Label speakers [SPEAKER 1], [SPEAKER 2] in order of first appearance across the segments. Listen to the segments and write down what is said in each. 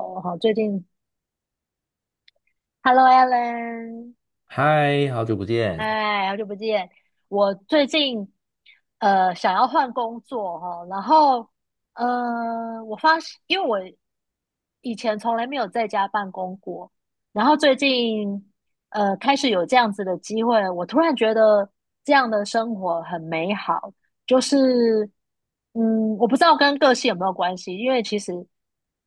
[SPEAKER 1] 我好，最近，Hello Alan，
[SPEAKER 2] 嗨，好久不见。
[SPEAKER 1] 哎，好久不见。我最近想要换工作哈、然后我发现，因为我以前从来没有在家办公过，然后最近开始有这样子的机会，我突然觉得这样的生活很美好。就是嗯，我不知道跟个性有没有关系，因为其实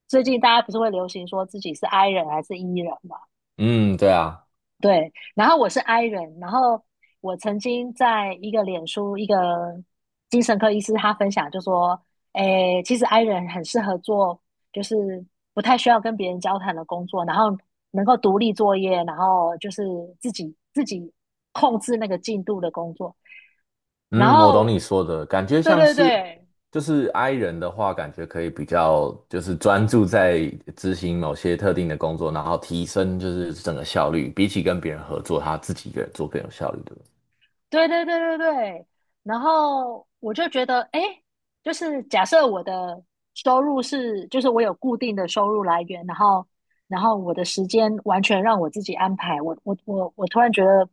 [SPEAKER 1] 最近大家不是会流行说自己是 I 人还是 E 人嘛。
[SPEAKER 2] 嗯，对啊，
[SPEAKER 1] 对，然后我是 I 人，然后我曾经在一个脸书，一个精神科医师他分享就说，诶，其实 I 人很适合做就是不太需要跟别人交谈的工作，然后能够独立作业，然后就是自己控制那个进度的工作。然
[SPEAKER 2] 嗯，我懂
[SPEAKER 1] 后，
[SPEAKER 2] 你说的，感觉
[SPEAKER 1] 对
[SPEAKER 2] 像
[SPEAKER 1] 对
[SPEAKER 2] 是
[SPEAKER 1] 对，
[SPEAKER 2] 就是 I 人的话，感觉可以比较就是专注在执行某些特定的工作，然后提升就是整个效率，比起跟别人合作，他自己一个人做更有效率的。
[SPEAKER 1] 对对对对对，然后我就觉得，哎，就是假设我的收入是，就是我有固定的收入来源，然后，然后我的时间完全让我自己安排，我突然觉得，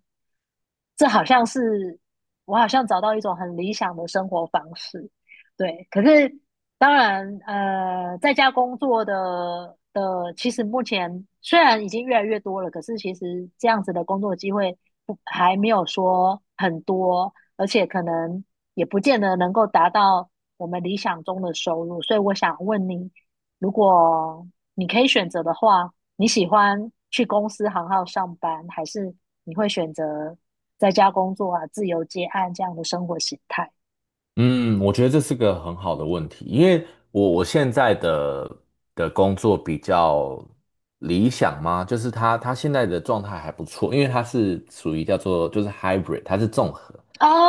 [SPEAKER 1] 这好像是我好像找到一种很理想的生活方式，对。可是当然，在家工作的，其实目前虽然已经越来越多了，可是其实这样子的工作机会不还没有说很多，而且可能也不见得能够达到我们理想中的收入。所以我想问你，如果你可以选择的话，你喜欢去公司行号上班，还是你会选择在家工作啊、自由接案这样的生活形态？
[SPEAKER 2] 嗯，我觉得这是个很好的问题，因为我现在的工作比较理想嘛，就是他现在的状态还不错，因为他是属于叫做就是 hybrid，他是综合，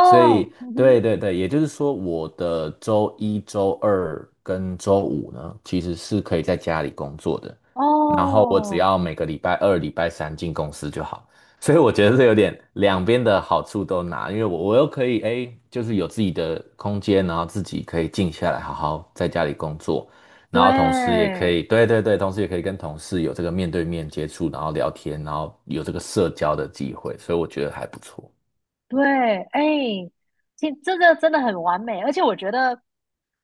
[SPEAKER 2] 所以
[SPEAKER 1] 嗯
[SPEAKER 2] 对
[SPEAKER 1] 哼。
[SPEAKER 2] 对对，也就是说我的周一周二跟周五呢，其实是可以在家里工作的，然后我只
[SPEAKER 1] 哦，
[SPEAKER 2] 要每个礼拜二、礼拜三进公司就好。所以我觉得是有点两边的好处都拿，因为我又可以哎，诶就是有自己的空间，然后自己可以静下来，好好在家里工作，然后同时也
[SPEAKER 1] 对
[SPEAKER 2] 可以，对对对，同时也可以跟同事有这个面对面接触，然后聊天，然后有这个社交的机会，所以我觉得还不错。
[SPEAKER 1] 对，哎，这个真的很完美，而且我觉得，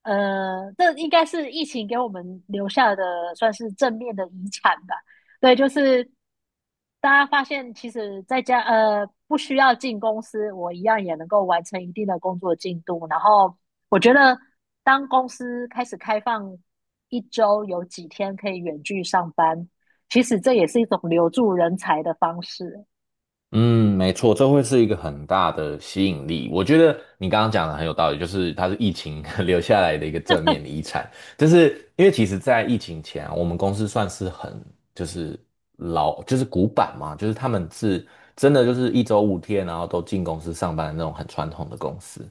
[SPEAKER 1] 这应该是疫情给我们留下的算是正面的遗产吧。对，就是大家发现，其实在家不需要进公司，我一样也能够完成一定的工作进度。然后我觉得，当公司开始开放一周有几天可以远距上班，其实这也是一种留住人才的方式。
[SPEAKER 2] 嗯，没错，这会是一个很大的吸引力。我觉得你刚刚讲的很有道理，就是它是疫情 留下来的一个正面的遗产。就是因为其实，在疫情前啊我们公司算是很就是老就是古板嘛，就是他们是真的就是一周5天，然后都进公司上班的那种很传统的公司。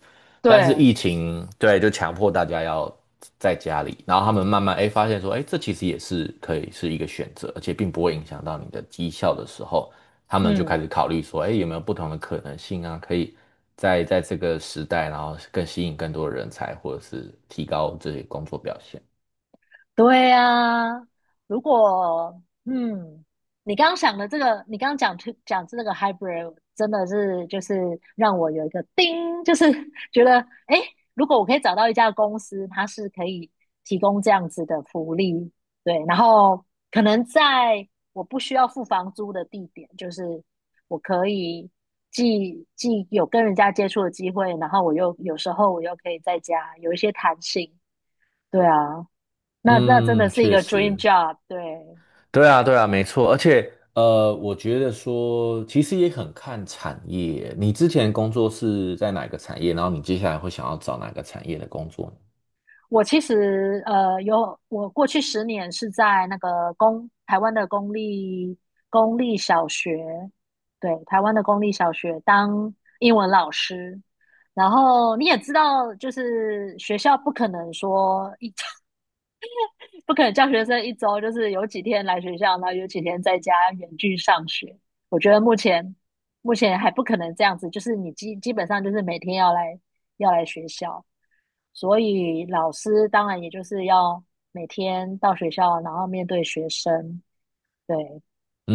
[SPEAKER 2] 但是
[SPEAKER 1] 对
[SPEAKER 2] 疫情对，就强迫大家要在家里，然后他们慢慢哎发现说，哎，这其实也是可以是一个选择，而且并不会影响到你的绩效的时候。他们就开
[SPEAKER 1] 嗯，
[SPEAKER 2] 始考虑说，哎，有没有不同的可能性啊？可以在这个时代，然后更吸引更多的人才，或者是提高这些工作表现。
[SPEAKER 1] 对呀、啊如果嗯，你刚刚想的这个，你刚刚讲这个 hybrid，真的是就是让我有一个叮，就是 觉得诶，如果我可以找到一家公司，它是可以提供这样子的福利，对，然后可能在我不需要付房租的地点，就是我可以既有跟人家接触的机会，然后有时候我又可以在家有一些弹性，对啊。那真的
[SPEAKER 2] 嗯，
[SPEAKER 1] 是一
[SPEAKER 2] 确
[SPEAKER 1] 个 dream
[SPEAKER 2] 实，
[SPEAKER 1] job。对，
[SPEAKER 2] 对啊，对啊，没错。而且，我觉得说，其实也很看产业。你之前工作是在哪个产业？然后你接下来会想要找哪个产业的工作呢？
[SPEAKER 1] 我其实有，我过去10年是在那个台湾的公立小学，对，台湾的公立小学当英文老师。然后你也知道，就是学校不可能说一 不可能教学生一周就是有几天来学校，然后有几天在家远距上学。我觉得目前还不可能这样子，就是你基本上就是每天要来学校，所以老师当然也就是要每天到学校，然后面对学生，对，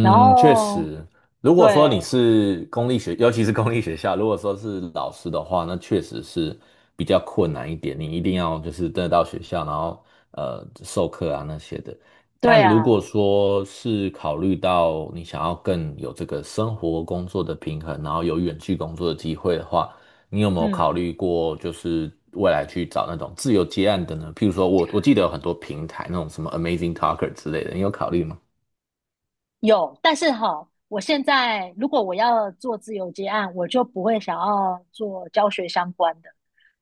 [SPEAKER 1] 然
[SPEAKER 2] 确
[SPEAKER 1] 后
[SPEAKER 2] 实，如果
[SPEAKER 1] 对
[SPEAKER 2] 说你是公立学，尤其是公立学校，如果说是老师的话，那确实是比较困难一点。你一定要就是真的到学校，然后授课啊那些的。
[SPEAKER 1] 对
[SPEAKER 2] 但如果
[SPEAKER 1] 啊，
[SPEAKER 2] 说是考虑到你想要更有这个生活工作的平衡，然后有远距工作的机会的话，你有没有考
[SPEAKER 1] 嗯。
[SPEAKER 2] 虑过就是未来去找那种自由接案的呢？譬如说我记得有很多平台，那种什么 Amazing Talker 之类的，你有考虑吗？
[SPEAKER 1] 有，但是哈，我现在如果我要做自由接案，我就不会想要做教学相关的，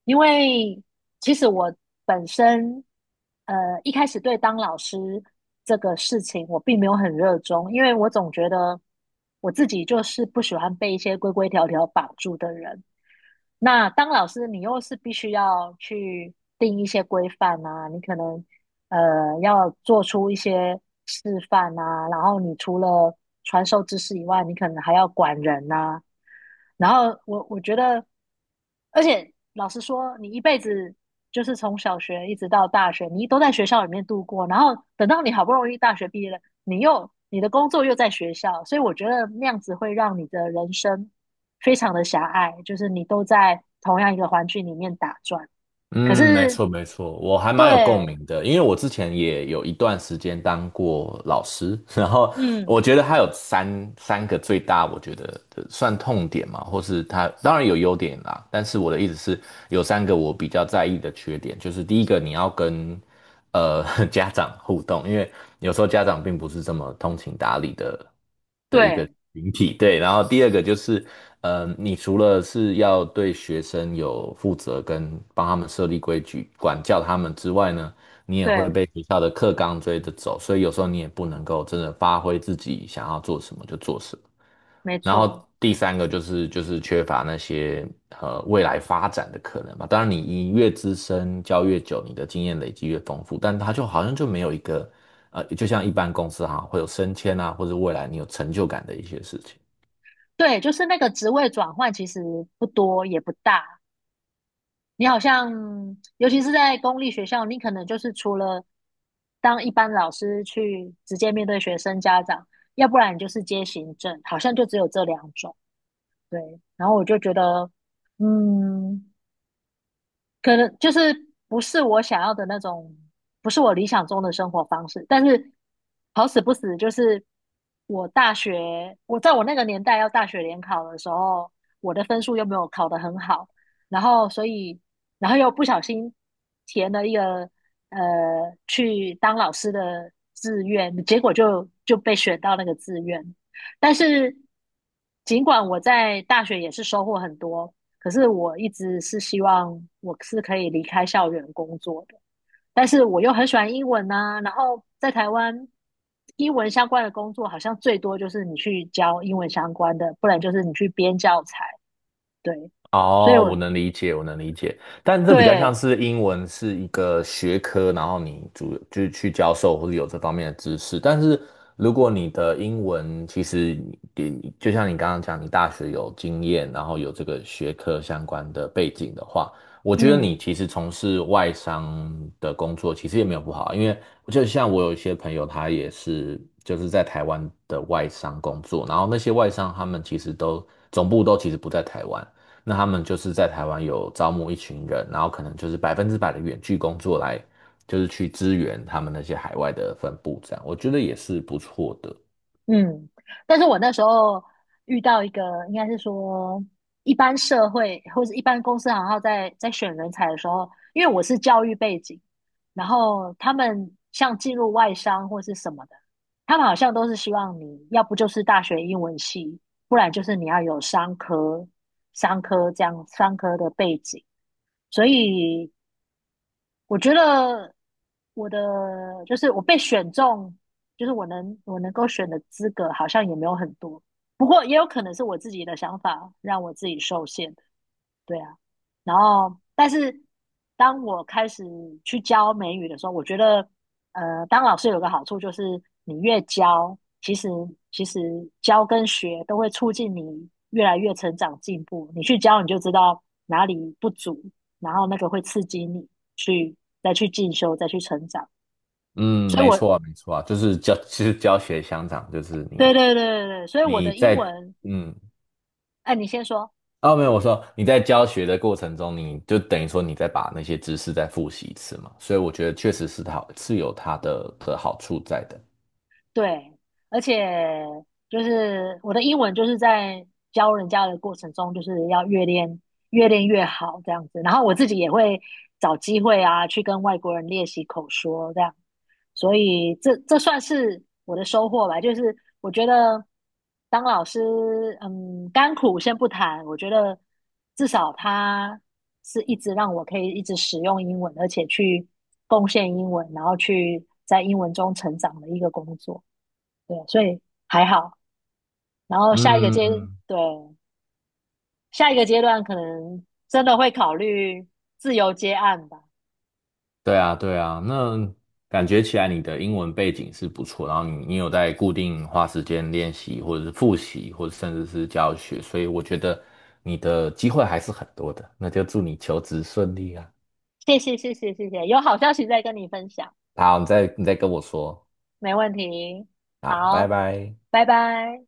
[SPEAKER 1] 因为其实我本身一开始对当老师这个事情我并没有很热衷，因为我总觉得我自己就是不喜欢被一些规规条条绑住的人，那当老师，你又是必须要去定一些规范啊，你可能要做出一些示范啊，然后你除了传授知识以外，你可能还要管人呐、然后我觉得，而且老实说，你一辈子就是从小学一直到大学，你都在学校里面度过，然后等到你好不容易大学毕业了，你的工作又在学校，所以我觉得那样子会让你的人生非常的狭隘，就是你都在同样一个环境里面打转。可
[SPEAKER 2] 嗯，没
[SPEAKER 1] 是，
[SPEAKER 2] 错没错，我还
[SPEAKER 1] 对，
[SPEAKER 2] 蛮有共鸣的，因为我之前也有一段时间当过老师，然后
[SPEAKER 1] 嗯，
[SPEAKER 2] 我觉得他有三个最大，我觉得的算痛点嘛，或是他当然有优点啦，但是我的意思是有三个我比较在意的缺点，就是第一个你要跟呃 家长互动，因为有时候家长并不是这么通情达理的一个
[SPEAKER 1] 对，
[SPEAKER 2] 群体，对。然后第二个就是，你除了是要对学生有负责跟帮他们设立规矩、管教他们之外呢，你也会
[SPEAKER 1] 对，
[SPEAKER 2] 被学校的课纲追着走，所以有时候你也不能够真的发挥自己想要做什么就做什么。
[SPEAKER 1] 没
[SPEAKER 2] 然
[SPEAKER 1] 错，
[SPEAKER 2] 后第三个就是缺乏那些未来发展的可能嘛。当然，你越资深教越久，你的经验累积越丰富，但他就好像就没有一个就像一般公司哈、会有升迁啊，或者未来你有成就感的一些事情。
[SPEAKER 1] 对，就是那个职位转换其实不多也不大。你好像，尤其是在公立学校，你可能就是除了当一般老师去直接面对学生家长，要不然你就是接行政，好像就只有这两种。对，然后我就觉得，嗯，可能就是不是我想要的那种，不是我理想中的生活方式。但是好死不死，就是我大学，我在我那个年代要大学联考的时候，我的分数又没有考得很好，然后所以，然后又不小心填了一个呃去当老师的志愿，结果就被选到那个志愿。但是尽管我在大学也是收获很多。可是我一直是希望我是可以离开校园工作的，但是我又很喜欢英文呐、然后在台湾，英文相关的工作好像最多就是你去教英文相关的，不然就是你去编教材。对，所以
[SPEAKER 2] 哦，我
[SPEAKER 1] 我
[SPEAKER 2] 能理解，我能理解，但这比较像
[SPEAKER 1] 对，
[SPEAKER 2] 是英文是一个学科，然后你主就是去教授或者有这方面的知识。但是如果你的英文其实你就像你刚刚讲，你大学有经验，然后有这个学科相关的背景的话，我觉得你
[SPEAKER 1] 嗯。
[SPEAKER 2] 其实从事外商的工作其实也没有不好啊，因为就像我有一些朋友，他也是就是在台湾的外商工作，然后那些外商他们其实都总部都其实不在台湾。那他们就是在台湾有招募一群人，然后可能就是100%的远距工作来，就是去支援他们那些海外的分部，这样我觉得也是不错的。
[SPEAKER 1] 嗯，但是我那时候遇到一个，应该是说一般社会或者一般公司行号在选人才的时候，因为我是教育背景，然后他们像进入外商或是什么的，他们好像都是希望你要不就是大学英文系，不然就是你要有商科、商科这样商科的背景，所以我觉得我的就是我被选中，就是我能够选的资格好像也没有很多，不过也有可能是我自己的想法让我自己受限。对啊，然后但是当我开始去教美语的时候，我觉得，当老师有个好处就是，你越教，其实教跟学都会促进你越来越成长进步。你去教，你就知道哪里不足，然后那个会刺激你去再去进修，再去成长。
[SPEAKER 2] 嗯，
[SPEAKER 1] 所以
[SPEAKER 2] 没
[SPEAKER 1] 我，
[SPEAKER 2] 错啊，没错啊，就是教，其实教学相长，就是
[SPEAKER 1] 对
[SPEAKER 2] 你
[SPEAKER 1] 对对对对，所以我
[SPEAKER 2] 你
[SPEAKER 1] 的英
[SPEAKER 2] 在
[SPEAKER 1] 文，
[SPEAKER 2] 嗯，
[SPEAKER 1] 哎，你先说。
[SPEAKER 2] 哦，没有，我说你在教学的过程中，你就等于说你再把那些知识再复习一次嘛，所以我觉得确实是好，是有它的好处在的。
[SPEAKER 1] 对，而且就是我的英文就是在教人家的过程中，就是要越练越好这样子。然后我自己也会找机会啊，去跟外国人练习口说这样。所以这算是我的收获吧。就是我觉得当老师，嗯，甘苦先不谈，我觉得至少他是一直让我可以一直使用英文，而且去贡献英文，然后去在英文中成长的一个工作。对，所以还好。然后下一个
[SPEAKER 2] 嗯，
[SPEAKER 1] 阶，
[SPEAKER 2] 嗯
[SPEAKER 1] 对，下一个阶段可能真的会考虑自由接案吧。
[SPEAKER 2] 对啊，对啊，那感觉起来你的英文背景是不错，然后你有在固定花时间练习，或者是复习，或者甚至是教学，所以我觉得你的机会还是很多的。那就祝你求职顺利啊！
[SPEAKER 1] 谢谢，谢谢，谢谢，有好消息再跟你分享，
[SPEAKER 2] 好，你再跟我说，
[SPEAKER 1] 没问题。
[SPEAKER 2] 好，拜
[SPEAKER 1] 好，
[SPEAKER 2] 拜。
[SPEAKER 1] 拜拜。